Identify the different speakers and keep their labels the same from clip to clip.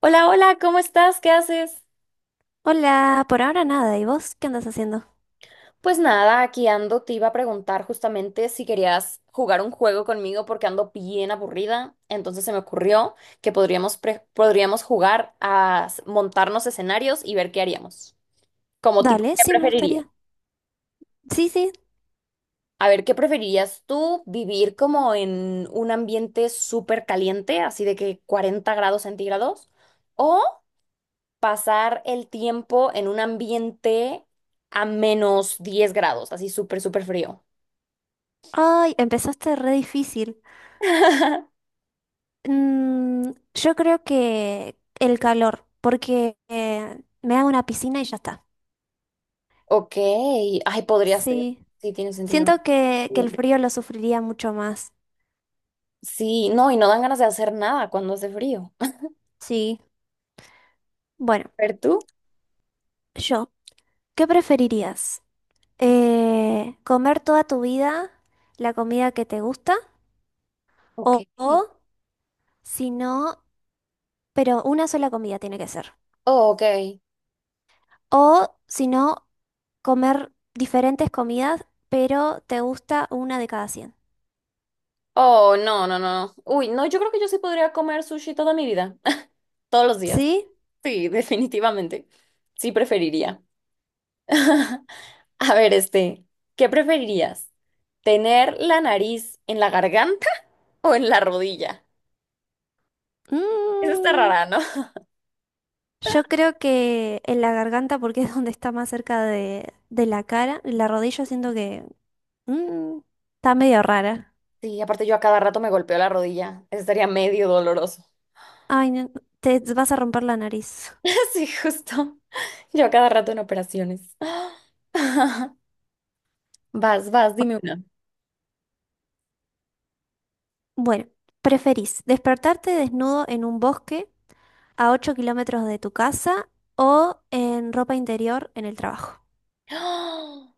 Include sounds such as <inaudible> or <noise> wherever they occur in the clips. Speaker 1: Hola, hola, ¿cómo estás? ¿Qué haces?
Speaker 2: Hola, por ahora nada. ¿Y vos qué andas haciendo?
Speaker 1: Pues nada, aquí ando, te iba a preguntar justamente si querías jugar un juego conmigo porque ando bien aburrida, entonces se me ocurrió que podríamos, podríamos jugar a montarnos escenarios y ver qué haríamos. Como tipo,
Speaker 2: Dale,
Speaker 1: ¿qué
Speaker 2: sí, me
Speaker 1: preferirías?
Speaker 2: gustaría. Sí, sí.
Speaker 1: A ver, ¿qué preferirías tú vivir como en un ambiente súper caliente, así de que 40 grados centígrados? ¿Pasar el tiempo en un ambiente a -10 grados, así súper frío?
Speaker 2: Ay, empezaste re difícil.
Speaker 1: <laughs>
Speaker 2: Yo creo que el calor, porque me hago una piscina y ya está.
Speaker 1: Ok, ay, podría ser.
Speaker 2: Sí.
Speaker 1: Sí, tiene sentido.
Speaker 2: Siento que el
Speaker 1: Bien.
Speaker 2: frío lo sufriría mucho más.
Speaker 1: Sí, no, y no dan ganas de hacer nada cuando hace frío.
Speaker 2: Sí. Bueno,
Speaker 1: <laughs> ¿Pero tú?
Speaker 2: yo, ¿qué preferirías? ¿Comer toda tu vida la comida que te gusta? O,
Speaker 1: Ok.
Speaker 2: o si no, pero una sola comida tiene que ser.
Speaker 1: Oh, ok.
Speaker 2: O si no, comer diferentes comidas, pero te gusta una de cada 100.
Speaker 1: Oh, no, no, no. Uy, no, yo creo que yo sí podría comer sushi toda mi vida. <laughs> Todos los días.
Speaker 2: ¿Sí?
Speaker 1: Sí, <laughs> definitivamente. Sí, preferiría. <laughs> A ver, ¿qué preferirías? ¿Tener la nariz en la garganta o en la rodilla? Eso está
Speaker 2: Mm,
Speaker 1: rara, ¿no?
Speaker 2: yo creo que en la garganta, porque es donde está más cerca de la cara, en la rodilla siento que mm, está medio rara.
Speaker 1: Sí, aparte yo a cada rato me golpeo la rodilla. Estaría medio doloroso.
Speaker 2: Ay, no, te vas a romper la nariz.
Speaker 1: <laughs> Sí, justo. Yo a cada rato en operaciones. <laughs> <gasps> Vas, vas, dime una.
Speaker 2: Bueno, ¿preferís despertarte desnudo en un bosque a 8 km de tu casa o en ropa interior en el trabajo?
Speaker 1: <gasps>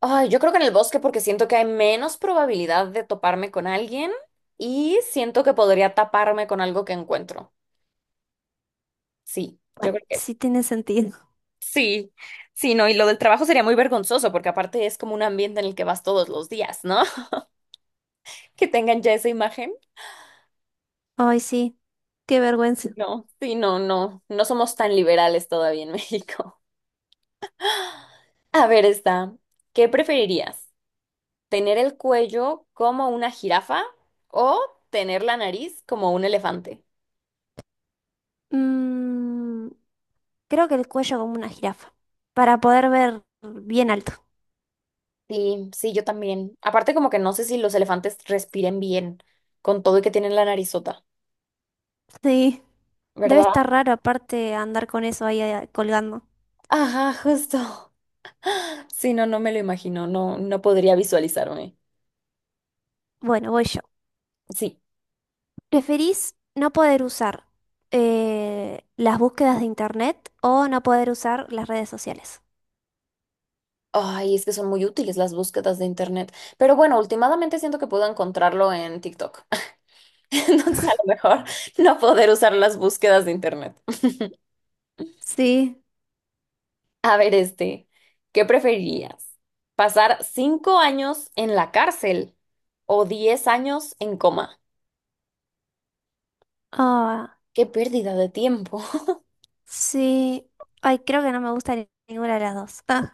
Speaker 1: Ay, yo creo que en el bosque, porque siento que hay menos probabilidad de toparme con alguien y siento que podría taparme con algo que encuentro. Sí, yo
Speaker 2: Bueno,
Speaker 1: creo que es.
Speaker 2: sí tiene sentido.
Speaker 1: Sí, sí, no, y lo del trabajo sería muy vergonzoso porque aparte es como un ambiente en el que vas todos los días, ¿no? <laughs> Que tengan ya esa imagen.
Speaker 2: Ay, sí. Qué vergüenza.
Speaker 1: No, sí, no, no, no somos tan liberales todavía en México. <laughs> A ver, está. ¿Qué preferirías? ¿Tener el cuello como una jirafa o tener la nariz como un elefante?
Speaker 2: Mm, creo que el cuello como una jirafa, para poder ver bien alto.
Speaker 1: Sí, sí, yo también. Aparte, como que no sé si los elefantes respiren bien con todo y que tienen la narizota,
Speaker 2: Sí. Debe estar
Speaker 1: ¿verdad?
Speaker 2: raro aparte andar con eso ahí colgando.
Speaker 1: Ajá, justo. <laughs> Sí, no, no me lo imagino. No, no podría visualizarme.
Speaker 2: Bueno, voy yo.
Speaker 1: Sí.
Speaker 2: ¿Preferís no poder usar las búsquedas de internet o no poder usar las redes sociales?
Speaker 1: Ay, es que son muy útiles las búsquedas de internet. Pero bueno, últimamente siento que puedo encontrarlo en TikTok. <laughs> Entonces, a lo mejor no poder usar las búsquedas de internet.
Speaker 2: Sí.
Speaker 1: A ver, ¿qué preferirías? ¿Pasar 5 años en la cárcel o 10 años en coma?
Speaker 2: Ah,
Speaker 1: Qué pérdida de tiempo. <laughs>
Speaker 2: sí. Ay, creo que no me gusta ninguna de las dos. Ah.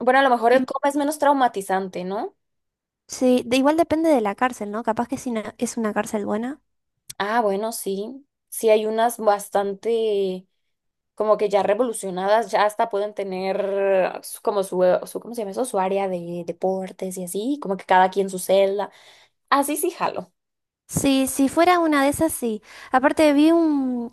Speaker 1: Bueno, a lo mejor el
Speaker 2: Mm,
Speaker 1: coma es menos traumatizante, ¿no?
Speaker 2: Sí, igual depende de la cárcel, ¿no? Capaz que es una cárcel buena.
Speaker 1: Ah, bueno, sí. Sí, hay unas bastante como que ya revolucionadas, ya hasta pueden tener como su ¿cómo se llama eso? Su área de deportes y así, como que cada quien su celda. Así sí, jalo.
Speaker 2: Sí, si fuera una de esas, sí. Aparte vi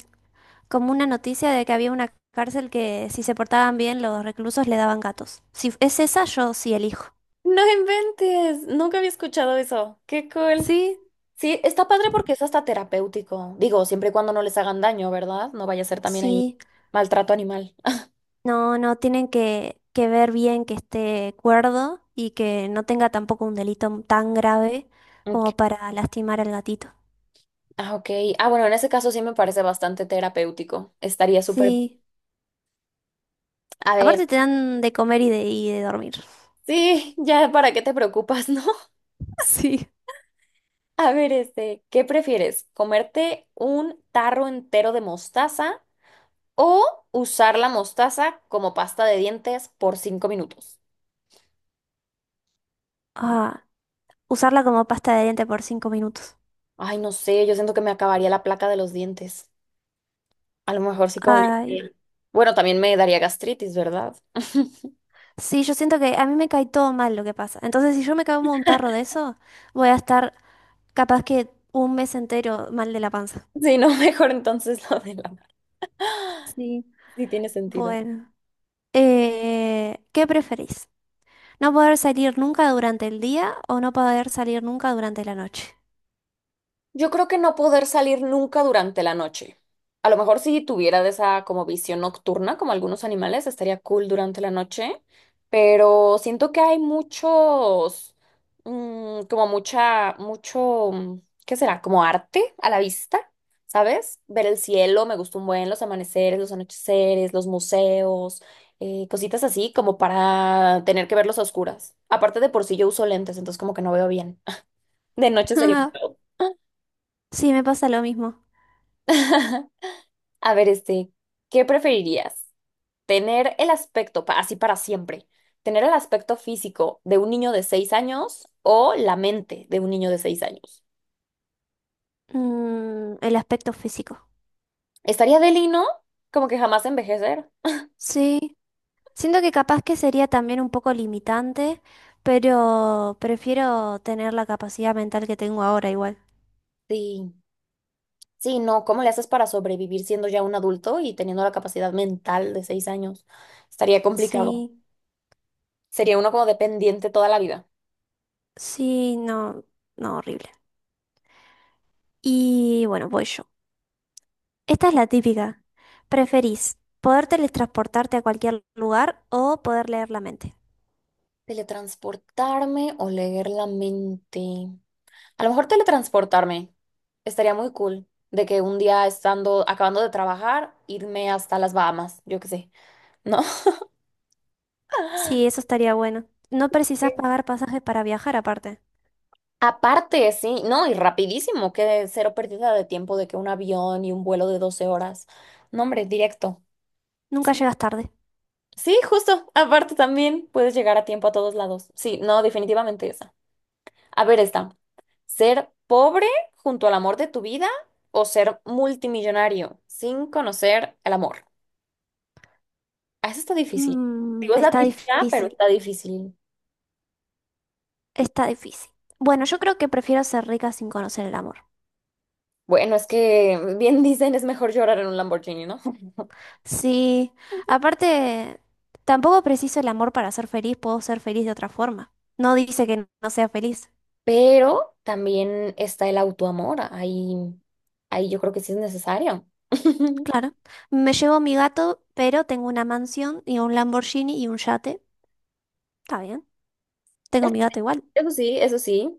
Speaker 2: como una noticia de que había una cárcel que si se portaban bien los reclusos le daban gatos. Si es esa, yo sí elijo.
Speaker 1: No inventes, nunca había escuchado eso. Qué cool.
Speaker 2: Sí,
Speaker 1: Sí, está padre porque es hasta terapéutico. Digo, siempre y cuando no les hagan daño, ¿verdad? No vaya a ser también ahí
Speaker 2: sí,
Speaker 1: maltrato animal. Ah,
Speaker 2: no, no, tienen que ver bien que esté cuerdo y que no tenga tampoco un delito tan grave
Speaker 1: ok.
Speaker 2: como para lastimar al gatito.
Speaker 1: Ah, ok. Ah, bueno, en ese caso sí me parece bastante terapéutico. Estaría súper.
Speaker 2: Sí,
Speaker 1: A ver,
Speaker 2: aparte te dan de comer y de dormir.
Speaker 1: sí, <laughs> ya para qué te preocupas, ¿no? <laughs>
Speaker 2: Sí.
Speaker 1: A ver, ¿qué prefieres? ¿Comerte un tarro entero de mostaza o usar la mostaza como pasta de dientes por 5 minutos?
Speaker 2: Ah, usarla como pasta de diente por 5 minutos.
Speaker 1: Ay, no sé, yo siento que me acabaría la placa de los dientes. A lo mejor sí como...
Speaker 2: Ay.
Speaker 1: que- Bueno, también me daría gastritis, ¿verdad? <laughs>
Speaker 2: Sí, yo siento que a mí me cae todo mal lo que pasa. Entonces, si yo me como un tarro de eso, voy a estar capaz que un mes entero mal de la panza.
Speaker 1: Sí, no, mejor entonces <laughs> lo de la...
Speaker 2: Sí.
Speaker 1: Sí tiene sentido.
Speaker 2: Bueno, ¿qué preferís? ¿No poder salir nunca durante el día o no poder salir nunca durante la noche?
Speaker 1: Yo creo que no poder salir nunca durante la noche. A lo mejor si tuviera de esa como visión nocturna, como algunos animales, estaría cool durante la noche, pero siento que hay muchos, como ¿qué será? Como arte a la vista, ¿sabes? Ver el cielo, me gusta un buen, los amaneceres, los anocheceres, los museos, cositas así como para tener que verlos a oscuras. Aparte de por sí yo uso lentes, entonces como que no veo bien. <laughs> De noche sería... un pedo.
Speaker 2: <laughs> Sí, me pasa lo mismo.
Speaker 1: <laughs> A ver, ¿qué preferirías? ¿Tener el aspecto, así para siempre, tener el aspecto físico de un niño de 6 años o la mente de un niño de 6 años?
Speaker 2: El aspecto físico.
Speaker 1: Estaría deli, ¿no? Como que jamás envejecer.
Speaker 2: Sí, siento que capaz que sería también un poco limitante, pero prefiero tener la capacidad mental que tengo ahora igual.
Speaker 1: Sí, sí, no, ¿cómo le haces para sobrevivir siendo ya un adulto y teniendo la capacidad mental de 6 años? Estaría complicado.
Speaker 2: Sí.
Speaker 1: Sería uno como dependiente toda la vida.
Speaker 2: Sí, no, no, horrible. Y bueno, voy yo. Esta es la típica. ¿Preferís poder teletransportarte a cualquier lugar o poder leer la mente?
Speaker 1: ¿Teletransportarme o leer la mente? A lo mejor teletransportarme estaría muy cool. De que un día estando, acabando de trabajar, irme hasta las Bahamas, yo qué sé, ¿no? <laughs>
Speaker 2: Sí, eso estaría bueno. No
Speaker 1: Sí.
Speaker 2: precisas pagar pasajes para viajar aparte.
Speaker 1: Aparte, sí, no, y rapidísimo, que cero pérdida de tiempo de que un avión y un vuelo de 12 horas. No, hombre, directo.
Speaker 2: Nunca
Speaker 1: Sí,
Speaker 2: llegas tarde.
Speaker 1: sí, justo. Aparte también puedes llegar a tiempo a todos lados. Sí, no, definitivamente esa. A ver, esta. ¿Ser pobre junto al amor de tu vida o ser multimillonario sin conocer el amor? Ah, eso está difícil.
Speaker 2: Mm,
Speaker 1: Digo, es la
Speaker 2: está
Speaker 1: típica, pero
Speaker 2: difícil,
Speaker 1: está difícil.
Speaker 2: está difícil. Bueno, yo creo que prefiero ser rica sin conocer el amor.
Speaker 1: Bueno, es que bien <laughs> dicen, es mejor llorar en un Lamborghini, ¿no?
Speaker 2: Sí, aparte, tampoco preciso el amor para ser feliz, puedo ser feliz de otra forma. No dice que no sea feliz.
Speaker 1: Pero también está el autoamor. Ahí, ahí yo creo que sí es necesario. <laughs>
Speaker 2: Claro. Me llevo mi gato, pero tengo una mansión y un Lamborghini y un yate. Está bien. Tengo
Speaker 1: Es-
Speaker 2: mi gato igual.
Speaker 1: Eso sí, eso sí.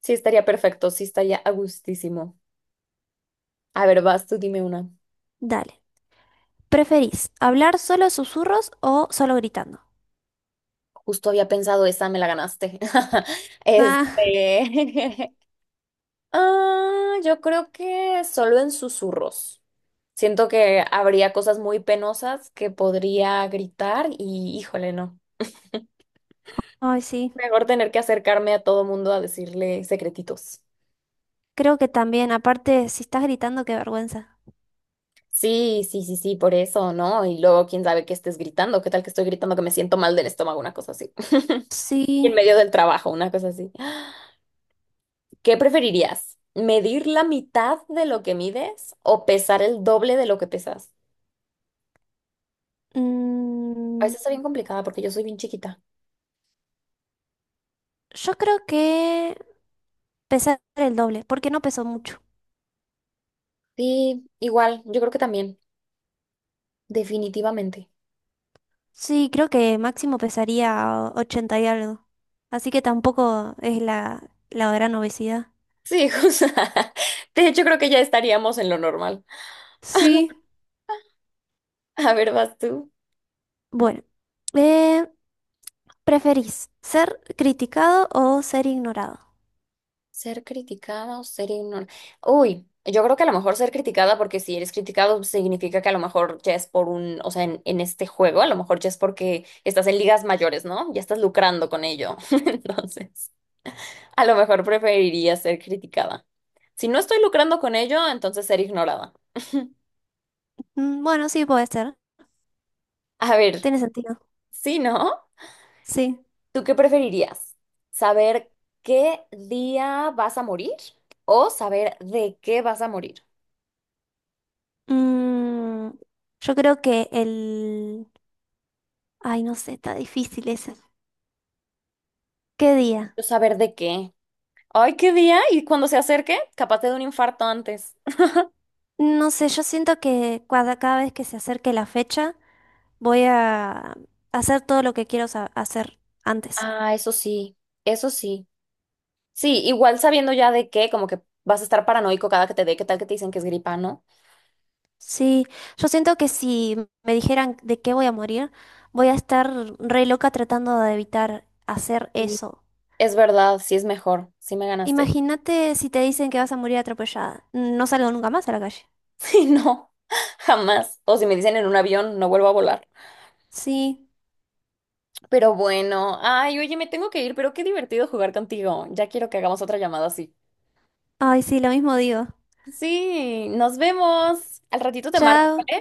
Speaker 1: Sí estaría perfecto, sí estaría a gustísimo. A ver, vas tú, dime una.
Speaker 2: Dale. ¿Preferís hablar solo susurros o solo gritando?
Speaker 1: Justo había pensado esa, me la ganaste. <laughs>
Speaker 2: Ah,
Speaker 1: Este. <laughs> Ah, yo creo que solo en susurros. Siento que habría cosas muy penosas que podría gritar y híjole, no.
Speaker 2: ay, sí.
Speaker 1: Mejor tener que acercarme a todo mundo a decirle secretitos.
Speaker 2: Creo que también. Aparte, si estás gritando, qué vergüenza.
Speaker 1: Sí, sí, sí, sí, por eso, ¿no? Y luego, quién sabe qué estés gritando. ¿Qué tal que estoy gritando que me siento mal del estómago? Una cosa así. <laughs> En
Speaker 2: Sí.
Speaker 1: medio del trabajo, una cosa así. ¿Qué preferirías? ¿Medir la mitad de lo que mides o pesar el doble de lo que pesas? A
Speaker 2: mm,
Speaker 1: veces está bien complicada porque yo soy bien chiquita.
Speaker 2: yo creo que pesar el doble, porque no pesó mucho.
Speaker 1: Sí, igual, yo creo que también, definitivamente.
Speaker 2: Sí, creo que máximo pesaría 80 y algo. Así que tampoco es la gran obesidad.
Speaker 1: Sí, <laughs> o sea, de hecho creo que ya estaríamos en lo normal.
Speaker 2: Sí.
Speaker 1: A ver, vas tú.
Speaker 2: Bueno, eh, ¿preferís ser criticado o ser ignorado?
Speaker 1: Ser criticada o ser ignorada. Uy, yo creo que a lo mejor ser criticada, porque si eres criticado significa que a lo mejor ya es por un, o sea, en este juego, a lo mejor ya es porque estás en ligas mayores, ¿no? Ya estás lucrando con ello. <laughs> Entonces, a lo mejor preferiría ser criticada. Si no estoy lucrando con ello, entonces ser ignorada.
Speaker 2: Bueno, sí puede ser.
Speaker 1: A ver,
Speaker 2: Tiene sentido.
Speaker 1: sí, ¿no?
Speaker 2: Sí.
Speaker 1: ¿Tú qué preferirías? ¿Saber qué día vas a morir o saber de qué vas a morir?
Speaker 2: Mm, yo creo que el. Ay, no sé, está difícil ese. ¿Qué día?
Speaker 1: Yo saber de qué. Ay, qué día. Y cuando se acerque, capaz te de un infarto antes.
Speaker 2: No sé, yo siento que cada vez que se acerque la fecha voy a hacer todo lo que quiero hacer antes.
Speaker 1: Ah, eso sí, eso sí. Sí, igual sabiendo ya de qué, como que vas a estar paranoico cada que te dé, qué tal que te dicen que es gripa, ¿no?
Speaker 2: Sí, yo siento que si me dijeran de qué voy a morir, voy a estar re loca tratando de evitar hacer
Speaker 1: Sí.
Speaker 2: eso.
Speaker 1: Es verdad, sí es mejor. Sí me ganaste. <laughs>
Speaker 2: Imagínate si te dicen que vas a morir atropellada. No salgo nunca más a la calle.
Speaker 1: Sí, no, jamás. O si me dicen en un avión, no vuelvo a volar.
Speaker 2: Sí.
Speaker 1: Pero bueno, ay, oye, me tengo que ir, pero qué divertido jugar contigo. Ya quiero que hagamos otra llamada así.
Speaker 2: Ay, sí, lo mismo digo.
Speaker 1: Sí, nos vemos. Al ratito te marco.
Speaker 2: Chao.